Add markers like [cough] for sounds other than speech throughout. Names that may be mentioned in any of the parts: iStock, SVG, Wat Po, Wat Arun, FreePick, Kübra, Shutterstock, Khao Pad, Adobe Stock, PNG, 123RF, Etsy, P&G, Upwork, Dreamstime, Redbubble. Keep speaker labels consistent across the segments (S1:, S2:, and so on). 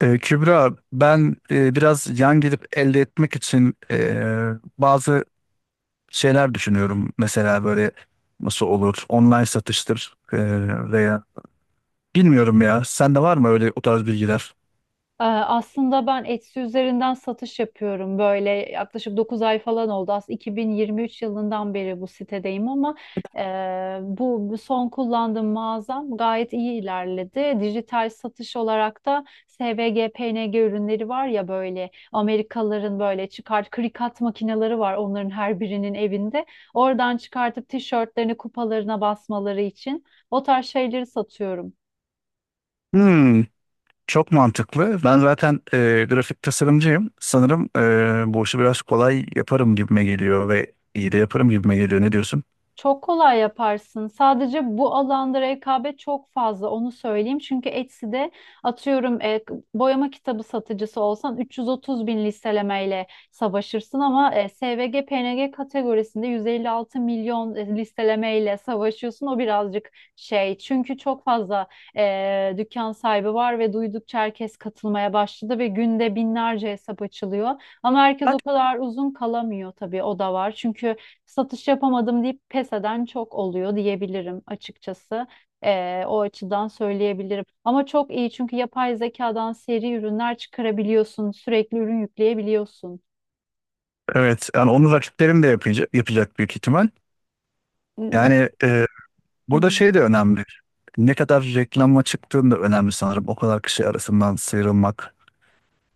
S1: Kübra, ben biraz yan gelip elde etmek için bazı şeyler düşünüyorum. Mesela böyle nasıl olur, online satıştır veya bilmiyorum ya. Sende var mı öyle o tarz bilgiler?
S2: Aslında ben Etsy üzerinden satış yapıyorum. Böyle yaklaşık 9 ay falan oldu. Aslında 2023 yılından beri bu sitedeyim ama e, bu son kullandığım mağazam gayet iyi ilerledi. Dijital satış olarak da SVG, PNG ürünleri var ya, böyle Amerikalıların böyle çıkart krikat makineleri var, onların her birinin evinde. Oradan çıkartıp tişörtlerini kupalarına basmaları için o tarz şeyleri satıyorum.
S1: Hmm, çok mantıklı. Ben zaten grafik tasarımcıyım. Sanırım bu işi biraz kolay yaparım gibime geliyor ve iyi de yaparım gibime geliyor. Ne diyorsun?
S2: Çok kolay yaparsın. Sadece bu alanda rekabet çok fazla, onu söyleyeyim. Çünkü Etsy'de atıyorum boyama kitabı satıcısı olsan 330 bin listelemeyle savaşırsın ama SVG PNG kategorisinde 156 milyon listelemeyle savaşıyorsun. O birazcık şey çünkü çok fazla dükkan sahibi var ve duydukça herkes katılmaya başladı ve günde binlerce hesap açılıyor. Ama herkes o kadar uzun kalamıyor tabii, o da var. Çünkü satış yapamadım deyip pes eden çok oluyor diyebilirim açıkçası. O açıdan söyleyebilirim. Ama çok iyi çünkü yapay zekadan seri ürünler çıkarabiliyorsun, sürekli ürün yükleyebiliyorsun.
S1: Evet, yani onu rakiplerim de yapacak, yapacak büyük ihtimal.
S2: Hı
S1: Yani burada
S2: hı.
S1: şey de önemli. Ne kadar reklama çıktığın da önemli sanırım. O kadar kişi arasından sıyrılmak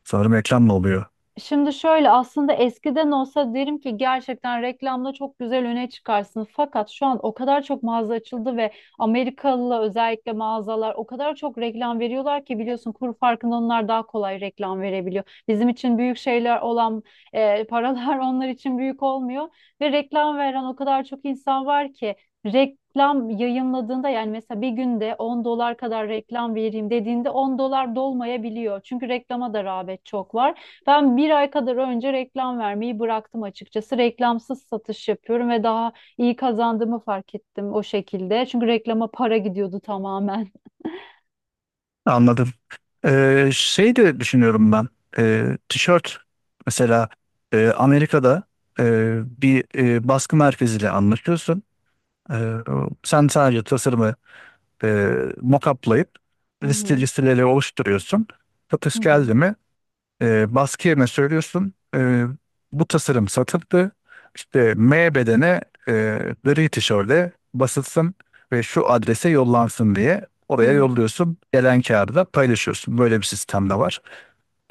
S1: sanırım reklamla oluyor.
S2: Şimdi şöyle, aslında eskiden olsa derim ki gerçekten reklamda çok güzel öne çıkarsın. Fakat şu an o kadar çok mağaza açıldı ve Amerikalı özellikle mağazalar o kadar çok reklam veriyorlar ki, biliyorsun kur farkında onlar daha kolay reklam verebiliyor. Bizim için büyük şeyler olan paralar [laughs] onlar için büyük olmuyor ve reklam veren o kadar çok insan var ki reklam yayınladığında, yani mesela bir günde 10 dolar kadar reklam vereyim dediğinde 10 dolar dolmayabiliyor. Çünkü reklama da rağbet çok var. Ben bir ay kadar önce reklam vermeyi bıraktım açıkçası. Reklamsız satış yapıyorum ve daha iyi kazandığımı fark ettim o şekilde. Çünkü reklama para gidiyordu tamamen. [laughs]
S1: Anladım. Şey de düşünüyorum ben. Tişört mesela Amerika'da e, bir baskı merkeziyle anlaşıyorsun. Ee, Sen sadece tasarımı e, mock-up'layıp
S2: Hı hı.
S1: listeleri oluşturuyorsun.
S2: Hı
S1: Satış
S2: hı.
S1: geldi mi, baskı yerine söylüyorsun. Bu tasarım satıldı. İşte M bedene, e, gri tişörde basılsın ve şu adrese yollansın diye
S2: Hı
S1: oraya
S2: hı.
S1: yolluyorsun. Gelen kağıdı da paylaşıyorsun. Böyle bir sistem de var.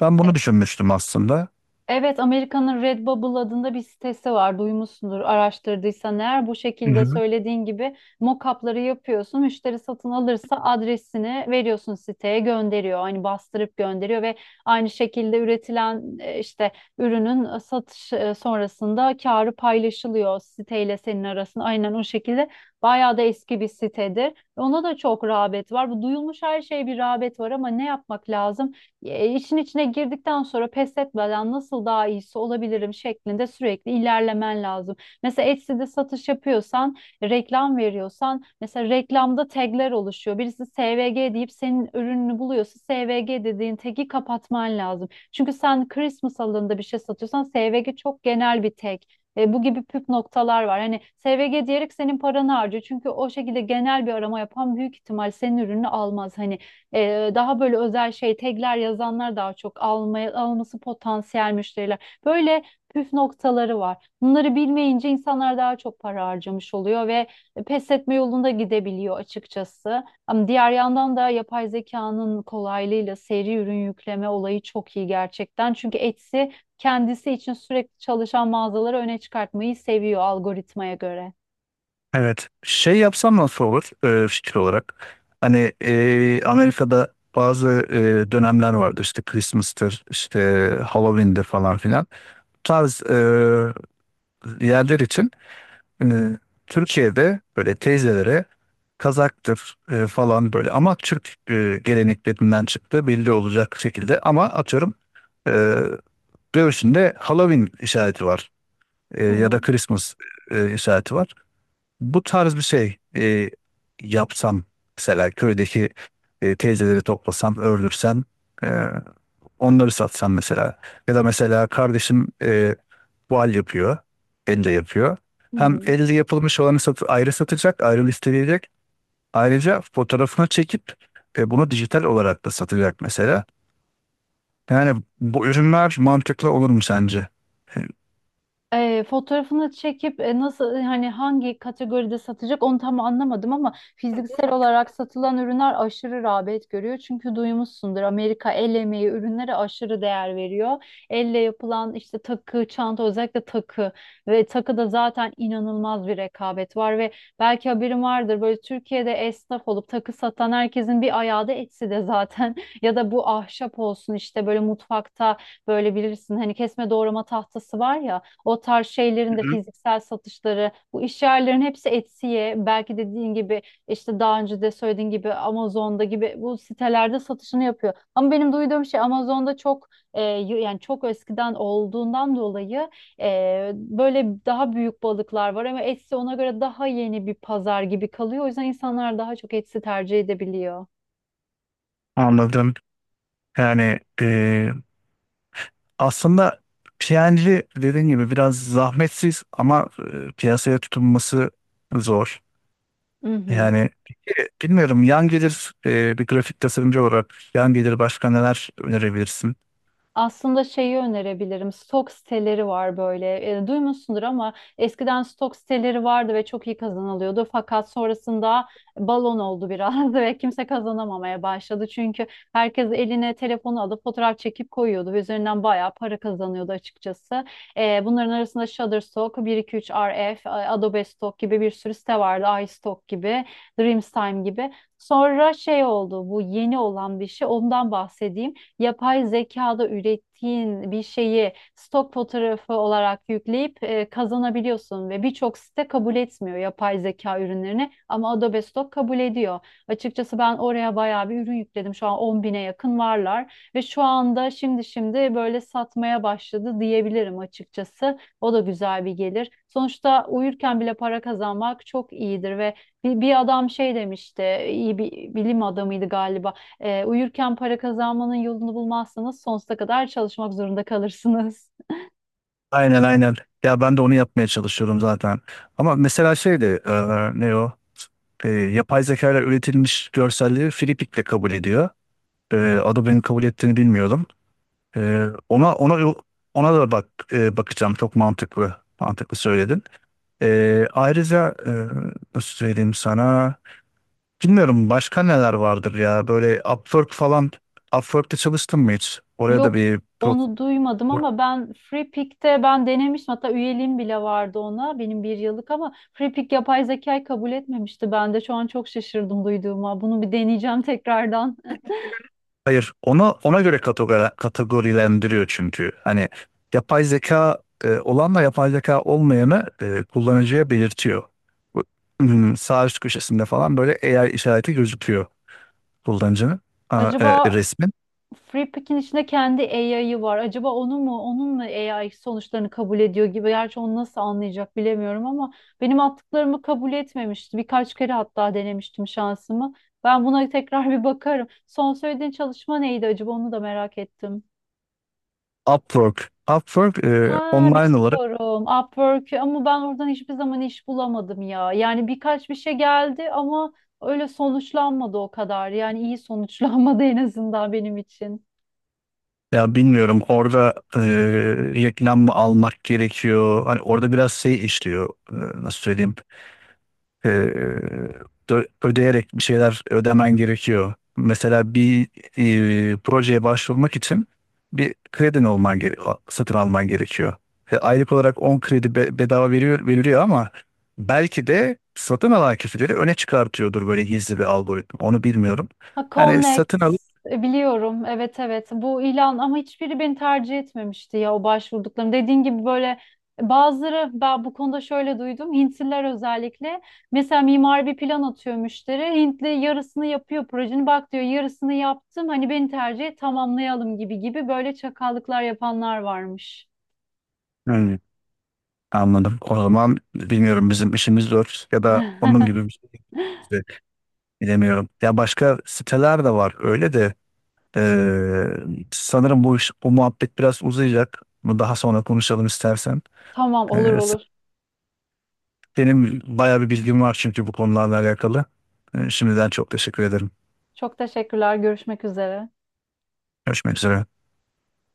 S1: Ben bunu düşünmüştüm aslında.
S2: Evet, Amerika'nın Redbubble adında bir sitesi var. Duymuşsundur araştırdıysan eğer. Bu
S1: Hı
S2: şekilde
S1: hı.
S2: söylediğin gibi mock-up'ları yapıyorsun. Müşteri satın alırsa adresini veriyorsun, siteye gönderiyor. Hani bastırıp gönderiyor ve aynı şekilde üretilen işte ürünün satış sonrasında karı paylaşılıyor siteyle senin arasında. Aynen o şekilde. Bayağı da eski bir sitedir. Ona da çok rağbet var. Bu duyulmuş her şeye bir rağbet var ama ne yapmak lazım? E, işin içine girdikten sonra pes etmeden nasıl daha iyisi olabilirim şeklinde sürekli ilerlemen lazım. Mesela Etsy'de satış yapıyorsan, reklam veriyorsan, mesela reklamda tagler oluşuyor. Birisi SVG deyip senin ürününü buluyorsa SVG dediğin tagi kapatman lazım. Çünkü sen Christmas alanında bir şey satıyorsan SVG çok genel bir tag. Bu gibi püf noktalar var. Hani SVG diyerek senin paranı harcıyor. Çünkü o şekilde genel bir arama yapan büyük ihtimal senin ürünü almaz. Hani daha böyle özel şey tagler yazanlar daha çok almaya, alması potansiyel müşteriler. Böyle püf noktaları var. Bunları bilmeyince insanlar daha çok para harcamış oluyor ve pes etme yolunda gidebiliyor açıkçası. Ama diğer yandan da yapay zekanın kolaylığıyla seri ürün yükleme olayı çok iyi gerçekten. Çünkü Etsy kendisi için sürekli çalışan mağazaları öne çıkartmayı seviyor algoritmaya göre.
S1: Evet. Şey yapsam nasıl olur, fikir olarak? Hani Amerika'da bazı dönemler vardı, işte Christmas'tır, işte Halloween'dir falan filan. Bu tarz yerler için, e, Türkiye'de böyle teyzelere kazaktır falan, böyle ama Türk geleneklerinden çıktı belli olacak şekilde, ama atıyorum, e, göğsünde Halloween işareti var,
S2: Hı
S1: ya
S2: hı.
S1: da Christmas işareti var. Bu tarz bir şey yapsam, mesela köydeki teyzeleri toplasam, ördürsem. Onları satsan mesela. Ya da mesela kardeşim voal yapıyor. Elle yapıyor.
S2: Hı
S1: Hem
S2: hı.
S1: elle yapılmış olanı sat, ayrı satacak, ayrı listeleyecek. Ayrıca fotoğrafını çekip bunu dijital olarak da satacak mesela. Yani bu ürünler mantıklı olur mu sence? E,
S2: Fotoğrafını çekip nasıl, hani hangi kategoride satacak onu tam anlamadım ama fiziksel olarak satılan ürünler aşırı rağbet görüyor. Çünkü duymuşsundur, Amerika el emeği ürünlere aşırı değer veriyor. Elle yapılan işte takı, çanta, özellikle takı. Ve takıda zaten inanılmaz bir rekabet var ve belki haberin vardır, böyle Türkiye'de esnaf olup takı satan herkesin bir ayağı da Etsy'de zaten. [laughs] Ya da bu ahşap olsun, işte böyle mutfakta böyle bilirsin hani kesme doğrama tahtası var ya, o tarz şeylerin
S1: Hı
S2: de
S1: hı.
S2: fiziksel satışları, bu iş yerlerin hepsi Etsy'ye, belki dediğin gibi, işte daha önce de söylediğin gibi Amazon'da gibi bu sitelerde satışını yapıyor. Ama benim duyduğum şey, Amazon'da çok yani çok eskiden olduğundan dolayı böyle daha büyük balıklar var ama Etsy ona göre daha yeni bir pazar gibi kalıyor. O yüzden insanlar daha çok Etsy tercih edebiliyor.
S1: Anladım. Yani aslında P&G dediğin gibi biraz zahmetsiz ama piyasaya tutunması zor.
S2: Hı hı.
S1: Yani peki, bilmiyorum, yan gelir, bir grafik tasarımcı olarak yan gelir başka neler önerebilirsin?
S2: Aslında şeyi önerebilirim. Stok siteleri var böyle. Duymuşsundur ama eskiden stok siteleri vardı ve çok iyi kazanılıyordu. Fakat sonrasında balon oldu biraz [laughs] ve kimse kazanamamaya başladı. Çünkü herkes eline telefonu alıp fotoğraf çekip koyuyordu ve üzerinden bayağı para kazanıyordu açıkçası. Bunların arasında Shutterstock, 123RF, Adobe Stock gibi bir sürü site vardı. iStock gibi, Dreamstime gibi. Sonra şey oldu, bu yeni olan bir şey, ondan bahsedeyim: yapay zekada ürettiğin bir şeyi stok fotoğrafı olarak yükleyip kazanabiliyorsun ve birçok site kabul etmiyor yapay zeka ürünlerini ama Adobe Stock kabul ediyor. Açıkçası ben oraya bayağı bir ürün yükledim. Şu an 10 bine yakın varlar ve şu anda şimdi şimdi böyle satmaya başladı diyebilirim açıkçası. O da güzel bir gelir. Sonuçta uyurken bile para kazanmak çok iyidir ve bir adam şey demişti, iyi bir bilim adamıydı galiba. Uyurken para kazanmanın yolunu bulmazsanız sonsuza kadar çalışmak zorunda kalırsınız.
S1: Aynen aynen. Ya ben de onu yapmaya çalışıyorum zaten. Ama mesela şey de ne o? Yapay zeka ile üretilmiş görselleri Filipik'le kabul ediyor. E, Adobe'nin kabul ettiğini bilmiyordum. Ona ona da bak, bakacağım. Çok mantıklı. Mantıklı söyledin. Ayrıca nasıl söyleyeyim sana, bilmiyorum, başka neler vardır ya, böyle Upwork falan. Çalıştın mı hiç?
S2: [laughs]
S1: Oraya da
S2: Yok,
S1: bir
S2: onu duymadım ama ben Free Pick'te ben denemiştim. Hatta üyeliğim bile vardı ona, benim bir yıllık. Ama Free Pick yapay zekayı kabul etmemişti. Ben de şu an çok şaşırdım duyduğuma. Bunu bir deneyeceğim tekrardan.
S1: hayır. Ona göre kategorilendiriyor, çünkü hani yapay zeka olanla yapay zeka olmayanı kullanıcıya belirtiyor. Bu- hmm, sağ üst köşesinde falan böyle AI işareti gözüküyor kullanıcının
S2: [laughs] Acaba
S1: resmin.
S2: FreePick'in içinde kendi AI'yı var, acaba onu mu, onun mu AI sonuçlarını kabul ediyor gibi. Gerçi onu nasıl anlayacak bilemiyorum ama benim attıklarımı kabul etmemişti. Birkaç kere hatta denemiştim şansımı. Ben buna [laughs] tekrar bir bakarım. Son söylediğin çalışma neydi acaba? Onu da merak ettim.
S1: Upwork Upwork
S2: Ha,
S1: online olarak.
S2: biliyorum. Upwork. Ama ben oradan hiçbir zaman iş bulamadım ya. Yani birkaç bir şey geldi ama öyle sonuçlanmadı o kadar. Yani iyi sonuçlanmadı, en azından benim için.
S1: Ya bilmiyorum orada reklam mı almak gerekiyor? Hani orada biraz şey işliyor. Nasıl söyleyeyim? E, Ödeyerek bir şeyler ödemen gerekiyor. Mesela bir projeye başvurmak için bir kredin olman gere satın alman gerekiyor. Aylık olarak 10 kredi bedava veriyor, veriliyor, ama belki de satın alan kişileri öne çıkartıyordur, böyle gizli bir algoritma. Onu bilmiyorum.
S2: Ha,
S1: Yani
S2: Connect,
S1: satın alıp
S2: biliyorum. Evet, evet. Bu ilan ama hiçbiri beni tercih etmemişti ya, o başvurduklarım. Dediğin gibi böyle, bazıları, ben bu konuda şöyle duydum. Hintliler özellikle, mesela mimari bir plan atıyor müşteri. Hintli yarısını yapıyor projenin. Bak diyor, yarısını yaptım, hani beni tercih et, tamamlayalım gibi gibi, böyle çakallıklar yapanlar varmış.
S1: anladım. O zaman bilmiyorum, bizim işimiz zor ya da onun
S2: [laughs]
S1: gibi bir şey de bilemiyorum. Ya başka siteler de var öyle de, eee, sanırım bu iş, bu muhabbet biraz uzayacak. Bunu daha sonra konuşalım istersen.
S2: Tamam, olur
S1: Eee,
S2: olur.
S1: Benim bayağı bir bilgim var çünkü bu konularla alakalı. Şimdiden çok teşekkür ederim.
S2: Çok teşekkürler. Görüşmek üzere.
S1: Görüşmek üzere.